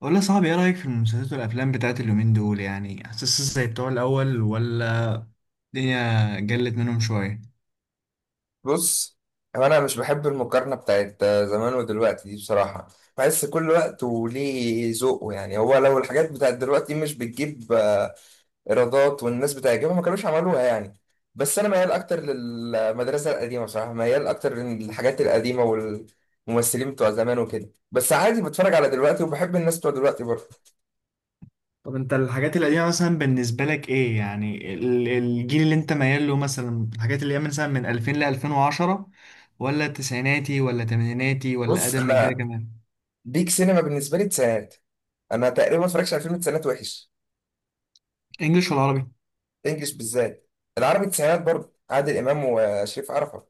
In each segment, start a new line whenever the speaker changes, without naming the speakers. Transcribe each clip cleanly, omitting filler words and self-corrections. والله يا صاحبي، ايه رأيك في المسلسلات والافلام بتاعت اليومين دول؟ يعني حاسس زي بتوع الاول، ولا الدنيا جلت منهم شوية؟
بص، هو انا مش بحب المقارنه بتاعت زمان ودلوقتي دي بصراحه. بحس كل وقت وليه ذوقه، يعني هو لو الحاجات بتاعت دلوقتي مش بتجيب ايرادات والناس بتعجبها ما كانوش عملوها يعني. بس انا ميال اكتر للمدرسه القديمه بصراحه، ميال اكتر للحاجات القديمه والممثلين بتوع زمان وكده، بس عادي بتفرج على دلوقتي وبحب الناس بتوع دلوقتي برضه.
طب انت الحاجات القديمة مثلا بالنسبة لك ايه، يعني الجيل اللي انت ميال له؟ مثلا الحاجات اللي هي مثلا من 2000 ل 2010، ولا تسعيناتي ولا تمانيناتي ولا
بص
اقدم من كده
انا،
كمان؟
بيك سينما بالنسبه لي تسعينات. انا تقريبا ما اتفرجش على فيلم تسعينات وحش.
انجلش ولا عربي؟
انجلش بالذات. العربي التسعينات برضه عادل امام وشريف عرفة.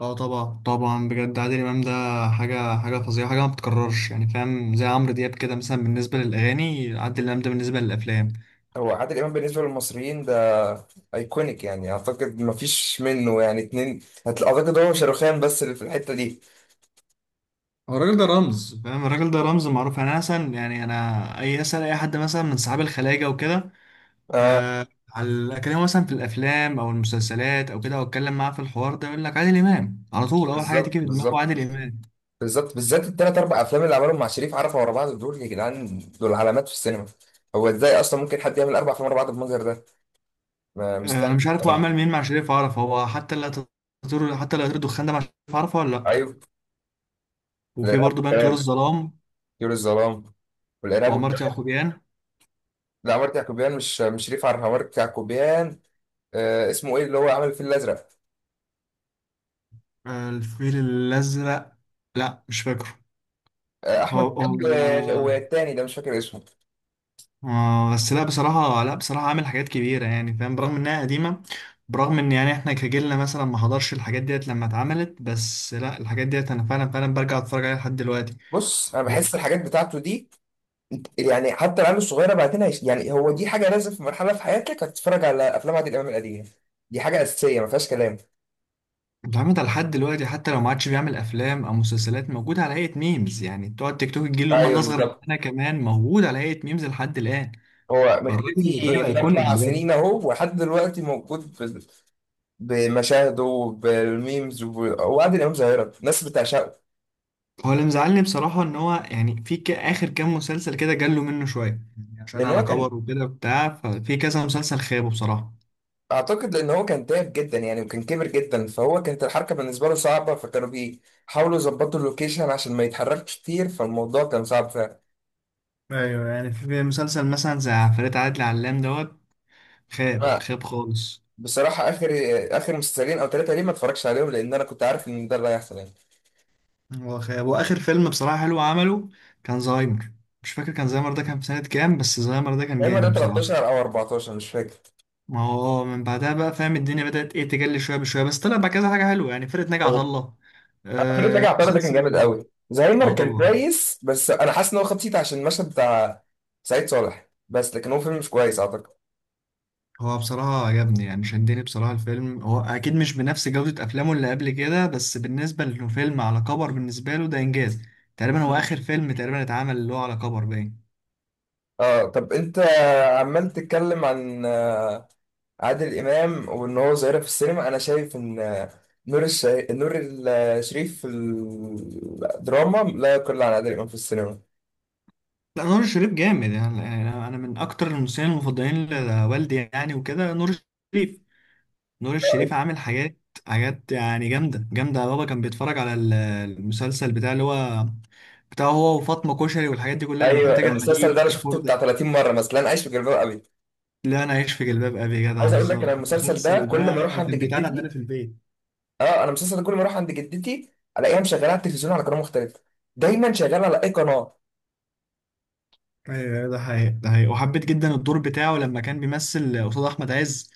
اه طبعا طبعا، بجد عادل امام ده حاجة فظيعة، حاجة ما بتتكررش يعني فاهم، زي عمرو دياب كده مثلا بالنسبة للاغاني، عادل امام ده بالنسبة للافلام.
هو عادل امام بالنسبه للمصريين ده ايكونيك، يعني اعتقد ما فيش منه يعني اتنين. اعتقد هو شاروخان بس اللي في الحته دي.
هو الراجل ده رمز فاهم، الراجل ده رمز معروف، يعني انا مثلا يعني انا اسال اي حد مثلا من صحاب الخلاجه وكده.
اه،
آه على اكلمه مثلا في الافلام او المسلسلات او كده، او اتكلم معاه في الحوار ده، يقول لك عادل امام على طول، اول حاجه
بالظبط
تيجي في دماغه
بالظبط
عادل امام.
بالظبط، بالذات الثلاث اربع افلام اللي عملهم مع شريف عرفة ورا بعض، دول يا جدعان دول علامات في السينما. هو ازاي اصلا ممكن حد يعمل اربع افلام ورا بعض بالمنظر ده؟
آه انا
مستغرب
مش عارف هو عمل
بصراحه.
مين مع شريف عرفة، هو حتى لا يطير الدخان ده مع شريف عرفة ولا لا؟
ايوه،
وفي
الارهاب
برضه بان طيور
والكباب،
الظلام،
طيور الظلام، والارهاب
وعمارة
والكباب.
يعقوبيان.
لا، عمارة يعقوبيان مش شريف عرفة، عمارة يعقوبيان. آه، اسمه ايه اللي هو عمل الفيل الازرق؟
آه الفيل الازرق، لا مش فاكره.
آه،
هو
احمد مكي.
هو
والتاني ده مش فاكر اسمه.
آه بس لا بصراحة عامل حاجات كبيرة يعني فاهم، برغم إنها قديمة، برغم إن يعني إحنا كجيلنا مثلا ما حضرش الحاجات ديت لما اتعملت، بس لا، الحاجات ديت أنا فعلا فعلا برجع أتفرج عليها لحد دلوقتي.
بص انا بحس
لا،
الحاجات بتاعته دي، يعني حتى العيال الصغيره بعدين يعني هو دي حاجه لازم، في مرحله في حياتك هتتفرج على افلام عادل امام القديمه. دي حاجه اساسيه ما فيهاش كلام.
اتعملت على لحد دلوقتي. حتى لو ما عادش بيعمل أفلام أو مسلسلات، موجود على هيئة ميمز يعني بتوع التيك توك، الجيل اللي هم
ايوه
الأصغر
بالظبط.
مننا كمان، موجود على هيئة ميمز لحد الآن.
هو
فالراجل،
مختفي
الراجل
من
أيكونيك
4 سنين
بجد.
اهو، ولحد دلوقتي موجود بمشاهده وبالميمز وب- وعادل امام ظاهره، الناس بتعشقه.
هو اللي مزعلني بصراحة إن هو يعني في آخر كام مسلسل كده جاله منه شوية، يعني عشان
لان
على
هو كان،
كبر وكده بتاع، ففي كذا مسلسل خابه بصراحة.
اعتقد لان هو كان تعب جدا يعني، وكان كبر جدا، فهو كانت الحركه بالنسبه له صعبه، فكانوا بيحاولوا يظبطوا اللوكيشن عشان ما يتحركش كتير، فالموضوع كان صعب فعلا.
ايوه يعني في مسلسل مثلا زي عفاريت عادل علام دوت، خاب
انا
خاب خالص.
بصراحه، اخر مسلسلين او ثلاثه ليه ما اتفرجش عليهم، لان انا كنت عارف ان ده اللي هيحصل يعني.
هو خاب، واخر فيلم بصراحه حلو عمله كان زهايمر. مش فاكر، كان زهايمر ده كان في سنه كام، بس زهايمر ده كان
زهايمر ده
جامد بصراحه.
13 او 14 مش فاكر.
ما هو من بعدها بقى فاهم الدنيا بدات ايه تجلي شويه بشويه، بس طلع بقى كذا حاجه حلوه يعني، فرقه ناجي عطا
او
الله.
فريد
آه
رجع عطله ده كان جامد
المسلسل.
قوي.
اه
زهايمر كان
طبعا.
كويس، بس انا حاسس ان هو خد سيت عشان المشهد بتاع سعيد صالح، بس لكن هو فيلم مش كويس اعتقد.
هو بصراحة عجبني، يعني شدني بصراحة الفيلم. هو أكيد مش بنفس جودة أفلامه اللي قبل كده، بس بالنسبة لأنه فيلم على كبر بالنسبة له، ده إنجاز. تقريبا هو
مم.
آخر فيلم تقريبا اتعمل اللي هو على كبر باين.
اه، طب انت عمال تتكلم عن عادل امام وان هو ظاهره في السينما، انا شايف ان نور الشريف في الدراما لا يقل عن عادل امام في السينما.
لا، نور الشريف جامد. يعني يعني أنا، يعني أنا من أكتر الممثلين المفضلين لوالدي يعني وكده، نور الشريف. نور الشريف عامل حاجات يعني جامدة جامدة. بابا كان بيتفرج على المسلسل بتاع اللي هو بتاع هو وفاطمة كشري، والحاجات دي كلها لما كان
ايوه،
تاجر
المسلسل
حديد
ده انا
كان.
شفته بتاع 30 مره مثلا، انا عايش في جلباب ابي.
لا، انا عايش في جلباب ابي يا جدع،
عايز اقول لك، انا
بالظبط.
المسلسل ده
المسلسل
كل ما
ده
اروح عند
كان بيتعاد عندنا
جدتي،
في البيت.
اه، انا المسلسل ده كل ما اروح عند جدتي الاقيها مشغله على التلفزيون على قناه مختلفه، دايما شغاله على اي قناه.
ايوه ده حقيقي، ده حقيقي. وحبيت جدا الدور بتاعه لما كان بيمثل قصاد احمد عز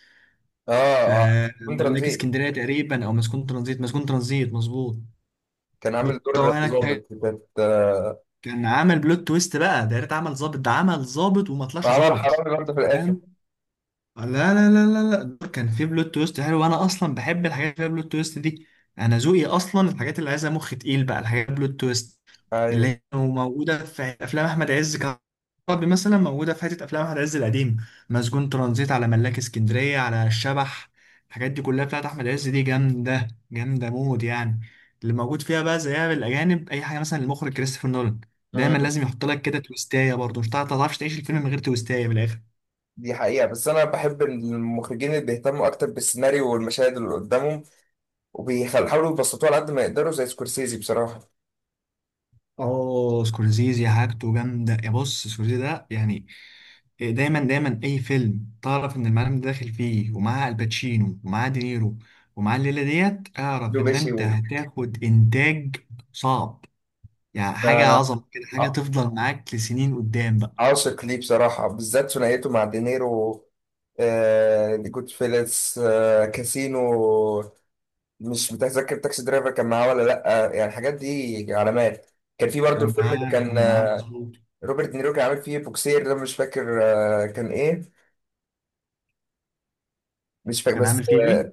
في
اه اه، كنت
ملاك
رمزي.
اسكندريه تقريبا، او مسجون ترانزيت. مسجون ترانزيت مظبوط،
كان عامل دور
والتوهنا.
ظابط كانت
كان عمل بلوت تويست بقى ده، يا ريت عمل ظابط، ده عمل ظابط وما طلعش
عمل
ظابط.
حرامي برضه في الاخر.
ده لا لا لا لا لا، دول كان في بلوت تويست حلو، وانا اصلا بحب الحاجات اللي فيها بلوت تويست دي. انا ذوقي اصلا الحاجات اللي عايزه مخ تقيل بقى، الحاجات بلوت تويست، اللي
ايوه،
هي موجوده في افلام احمد عز كعربي مثلا، موجوده في حته افلام احمد عز القديم: مسجون ترانزيت، على ملاك اسكندريه، على الشبح. الحاجات دي كلها بتاعت احمد عز دي جامده جامده مود يعني، اللي موجود فيها بقى. زيها بالاجانب اي حاجه، مثلا المخرج كريستوفر نولان، دايما لازم يحط لك كده تويستايه، برضه مش تعرفش تعيش الفيلم من غير تويستايه بالاخر.
دي حقيقة، بس أنا بحب المخرجين اللي بيهتموا أكتر بالسيناريو والمشاهد اللي قدامهم، وبيحاولوا يبسطوها على قد ما يقدروا زي سكورسيزي بصراحة.
اه سكورسيزي حاجته جامده، يا بص سكورسيزي ده يعني دايما دايما اي فيلم تعرف ان المعلم ده داخل فيه، ومعاه الباتشينو ومعاه دينيرو ومعاه الليله ديت، اعرف ان
لوبيشي
انت هتاخد انتاج صعب، يعني
ده
حاجه عظمه كده، حاجه
ع-
تفضل معاك لسنين قدام بقى.
عاشق ليه بصراحة، بالذات ثنائيته مع دينيرو. جود فيلس، كاسينو. مش متذكر، تاكسي درايفر كان معاه ولا لأ؟ يعني الحاجات دي علامات. كان في برضه
كان
الفيلم اللي
معاه
كان
كان معاه مظبوط.
روبرت دينيرو كان عامل فيه بوكسير، ده مش فاكر كان إيه، مش فاكر
كان
بس.
عامل فيه ايه؟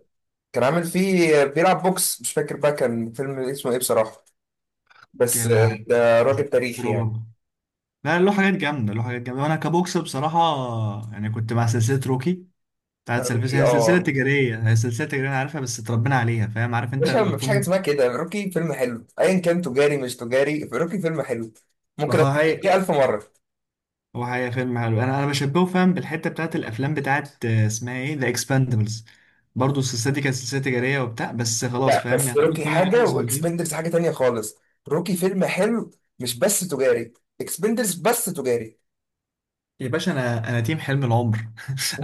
كان عامل فيه بيلعب بوكس، مش فاكر بقى كان فيلم اسمه ايه بصراحة. بس
كلا
ده
بوكس مش
راجل تاريخي
متذكره
يعني.
برضه. لا، له حاجات جامده، له حاجات جامده، وانا كبوكس بصراحه يعني كنت مع سلسله روكي بتاعت سيرفيس.
روكي،
هي سلسلة
اه،
تجارية، هي سلسلة تجارية أنا عارفها، بس اتربينا عليها فاهم، عارف أنت
مش
لما
مفيش حاجة
تكون.
اسمها كده، روكي فيلم حلو ايا كان، تجاري مش تجاري روكي فيلم حلو،
هو
ممكن اتفرج
هاي
ألف مرة.
هو هاي فيلم حلو. أنا بشبهه فاهم بالحتة بتاعت الأفلام بتاعت اسمها إيه، ذا إكسباندبلز. برضه السلسلة دي كانت سلسلة تجارية وبتاع، بس خلاص
لا،
فاهم
بس
يعني، إحنا
روكي
طلعنا إحنا
حاجة
صغيرين.
واكسبندرز حاجة تانية خالص. روكي فيلم حلو مش بس تجاري، اكسبندرز بس تجاري.
يا باشا أنا تيم حلم العمر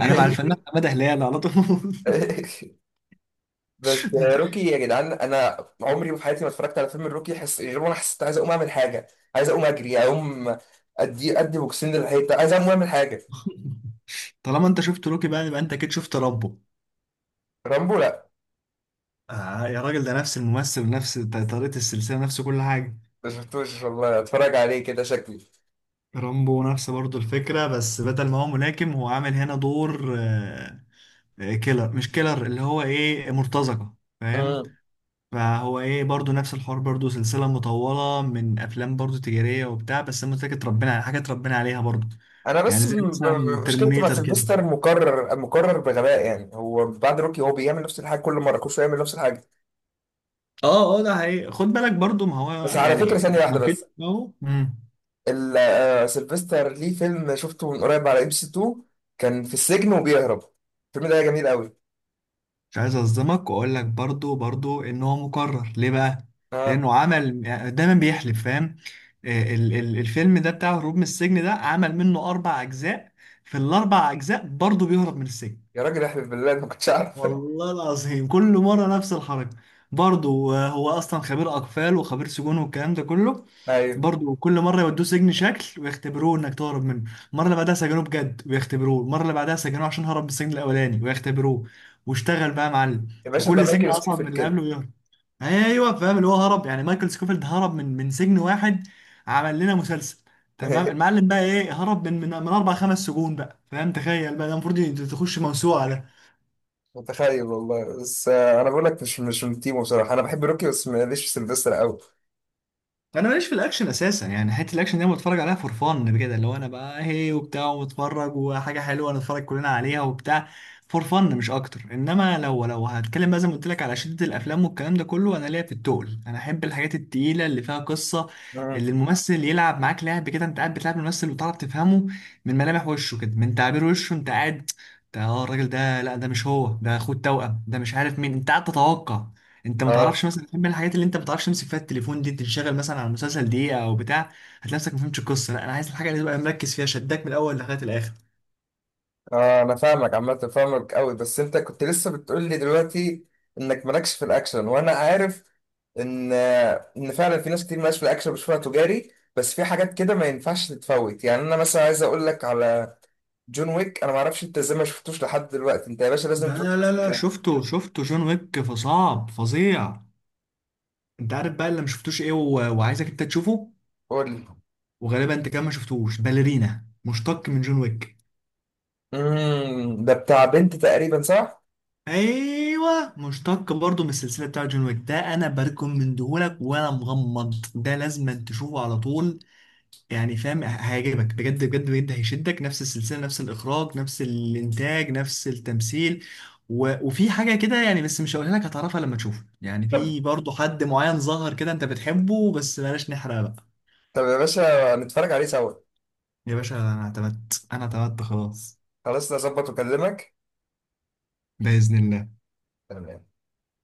أنا مع الفنان حمادة هلال على طول
بس روكي يا جدعان، انا عمري في حياتي ما اتفرجت على فيلم الروكي غير وانا حسيت عايز اقوم اعمل حاجه، عايز اقوم اجري، اقوم ادي ادي بوكسين للحيطه، عايز اقوم اعمل حاجه.
طالما أنت شفت روكي بقى، يبقى أنت أكيد شفت رامبو.
رامبو، لا،
آه يا راجل، ده نفس الممثل ونفس طريقة السلسلة، نفس كل حاجة.
ما شفتوش والله، اتفرج عليه كده شكلي.
رامبو نفس برضو الفكرة، بس بدل ما هو ملاكم، هو عامل هنا دور كيلر، مش كيلر، اللي هو ايه، مرتزقة فاهم.
مم.
فهو ايه، برضو نفس الحوار، برضو سلسلة مطولة من افلام برضو تجارية وبتاع، بس هي متاكد ربنا على حاجة اتربينا عليها برضو،
انا بس
يعني زي مثلا
مشكلتي مع
ترمينيتر كده.
سيلفستر، مكرر مكرر بغباء يعني، هو بعد روكي هو بيعمل نفس الحاجه كل مره، كل شويه يعمل نفس الحاجه.
اه اه ده حقيقي، خد بالك برضو، ما هو
بس على فكره
يعني
ثانيه واحده
نقيض
بس،
اهو.
سيلفستر ليه فيلم شفته من قريب على ام سي 2، كان في السجن وبيهرب، الفيلم ده جميل
مش عايز اصدمك واقول لك برضو برضو ان هو مكرر ليه بقى،
قوي.
لانه عمل، دايما بيحلف فاهم. الفيلم ده بتاع هروب من السجن، ده عمل منه اربع اجزاء، في الاربع اجزاء برضو بيهرب من السجن.
يا راجل احلف بالله، انا ما كنتش عارف.
والله العظيم كل مرة نفس الحركة. برضه هو أصلا خبير أقفال وخبير سجون والكلام ده كله.
ايوه،
برضه كل مرة يودوه سجن شكل ويختبروه إنك تهرب منه، المرة اللي بعدها سجنوه بجد ويختبروه، المرة اللي بعدها سجنوه عشان هرب من السجن الأولاني ويختبروه. واشتغل بقى يا معلم،
يا باشا ده
وكل سجن
مايكل
أصعب من
سكيفيلد
اللي
كده.
قبله ويهرب. أيوه فاهم اللي هو هرب، يعني مايكل سكوفيلد هرب من سجن واحد، عمل لنا مسلسل. تمام، المعلم بقى إيه، هرب من أربع خمس سجون بقى فاهم؟ تخيل بقى، ده المفروض تخش موسوعة.
متخيل والله، بس انا بقول لك مش من تيمو بصراحه، انا بحب روكي بس ماليش في سيلفستر قوي.
انا ماليش في الاكشن اساسا يعني، حته الاكشن دي انا بتفرج عليها فور فن كده، اللي هو انا بقى هي وبتاع ومتفرج، وحاجه حلوه نتفرج كلنا عليها وبتاع، فور فن مش اكتر. انما لو لو هتكلم بقى زي ما قلت لك على شده الافلام والكلام ده كله، انا ليا في التقل، انا احب الحاجات التقيله اللي فيها قصه،
مم.
اللي الممثل يلعب معاك لعب كده، انت قاعد بتلعب الممثل وتعرف تفهمه من ملامح وشه كده، من تعبير وشه انت قاعد. ده اه الراجل ده، لا ده مش هو، ده اخوه التوأم، ده مش عارف مين، انت قاعد تتوقع. انت ما
اه
تعرفش مثلا، من الحاجات اللي انت ما بتعرفش تمسك فيها التليفون دي، تنشغل مثلا على المسلسل دقيقه او بتاع، هتلاقي نفسك ما فهمتش القصه. لا انا عايز الحاجه اللي تبقى مركز فيها، شداك من الاول لغايه الاخر.
اه، انا فاهمك عامه، فاهمك قوي، بس انت كنت لسه بتقول لي دلوقتي انك مالكش في الاكشن، وانا عارف ان ان فعلا في ناس كتير مالهاش في الاكشن، بشوفها تجاري. بس في حاجات كده ما ينفعش تتفوت، يعني انا مثلا عايز اقول لك على جون ويك، انا ما اعرفش انت ازاي ما شفتوش لحد دلوقتي، انت يا باشا لازم تروح.
لا لا لا، شفته جون ويك، فصعب فظيع. انت عارف بقى اللي ما شفتوش ايه وعايزك انت تشوفه،
قول لي.
وغالبا انت كمان ما شفتوش باليرينا مشتق من جون ويك.
ده بتاع بنت تقريبا، صح؟
ايوه مشتق برضه من السلسله بتاعت جون ويك ده، انا بركم من دهولك وانا مغمض، ده لازم تشوفه على طول يعني فاهم. هيعجبك بجد بجد بجد، هيشدك، نفس السلسلة، نفس الإخراج، نفس الإنتاج، نفس التمثيل، وفي حاجة كده يعني، بس مش هقولها لك، هتعرفها لما تشوفه. يعني
طب،
في برضه حد معين ظهر كده أنت بتحبه، بس بلاش نحرق بقى.
طب يا باشا، نتفرج عليه سوا.
يا باشا أنا اعتمدت خلاص،
خلاص نظبط واكلمك.
بإذن الله.
تمام.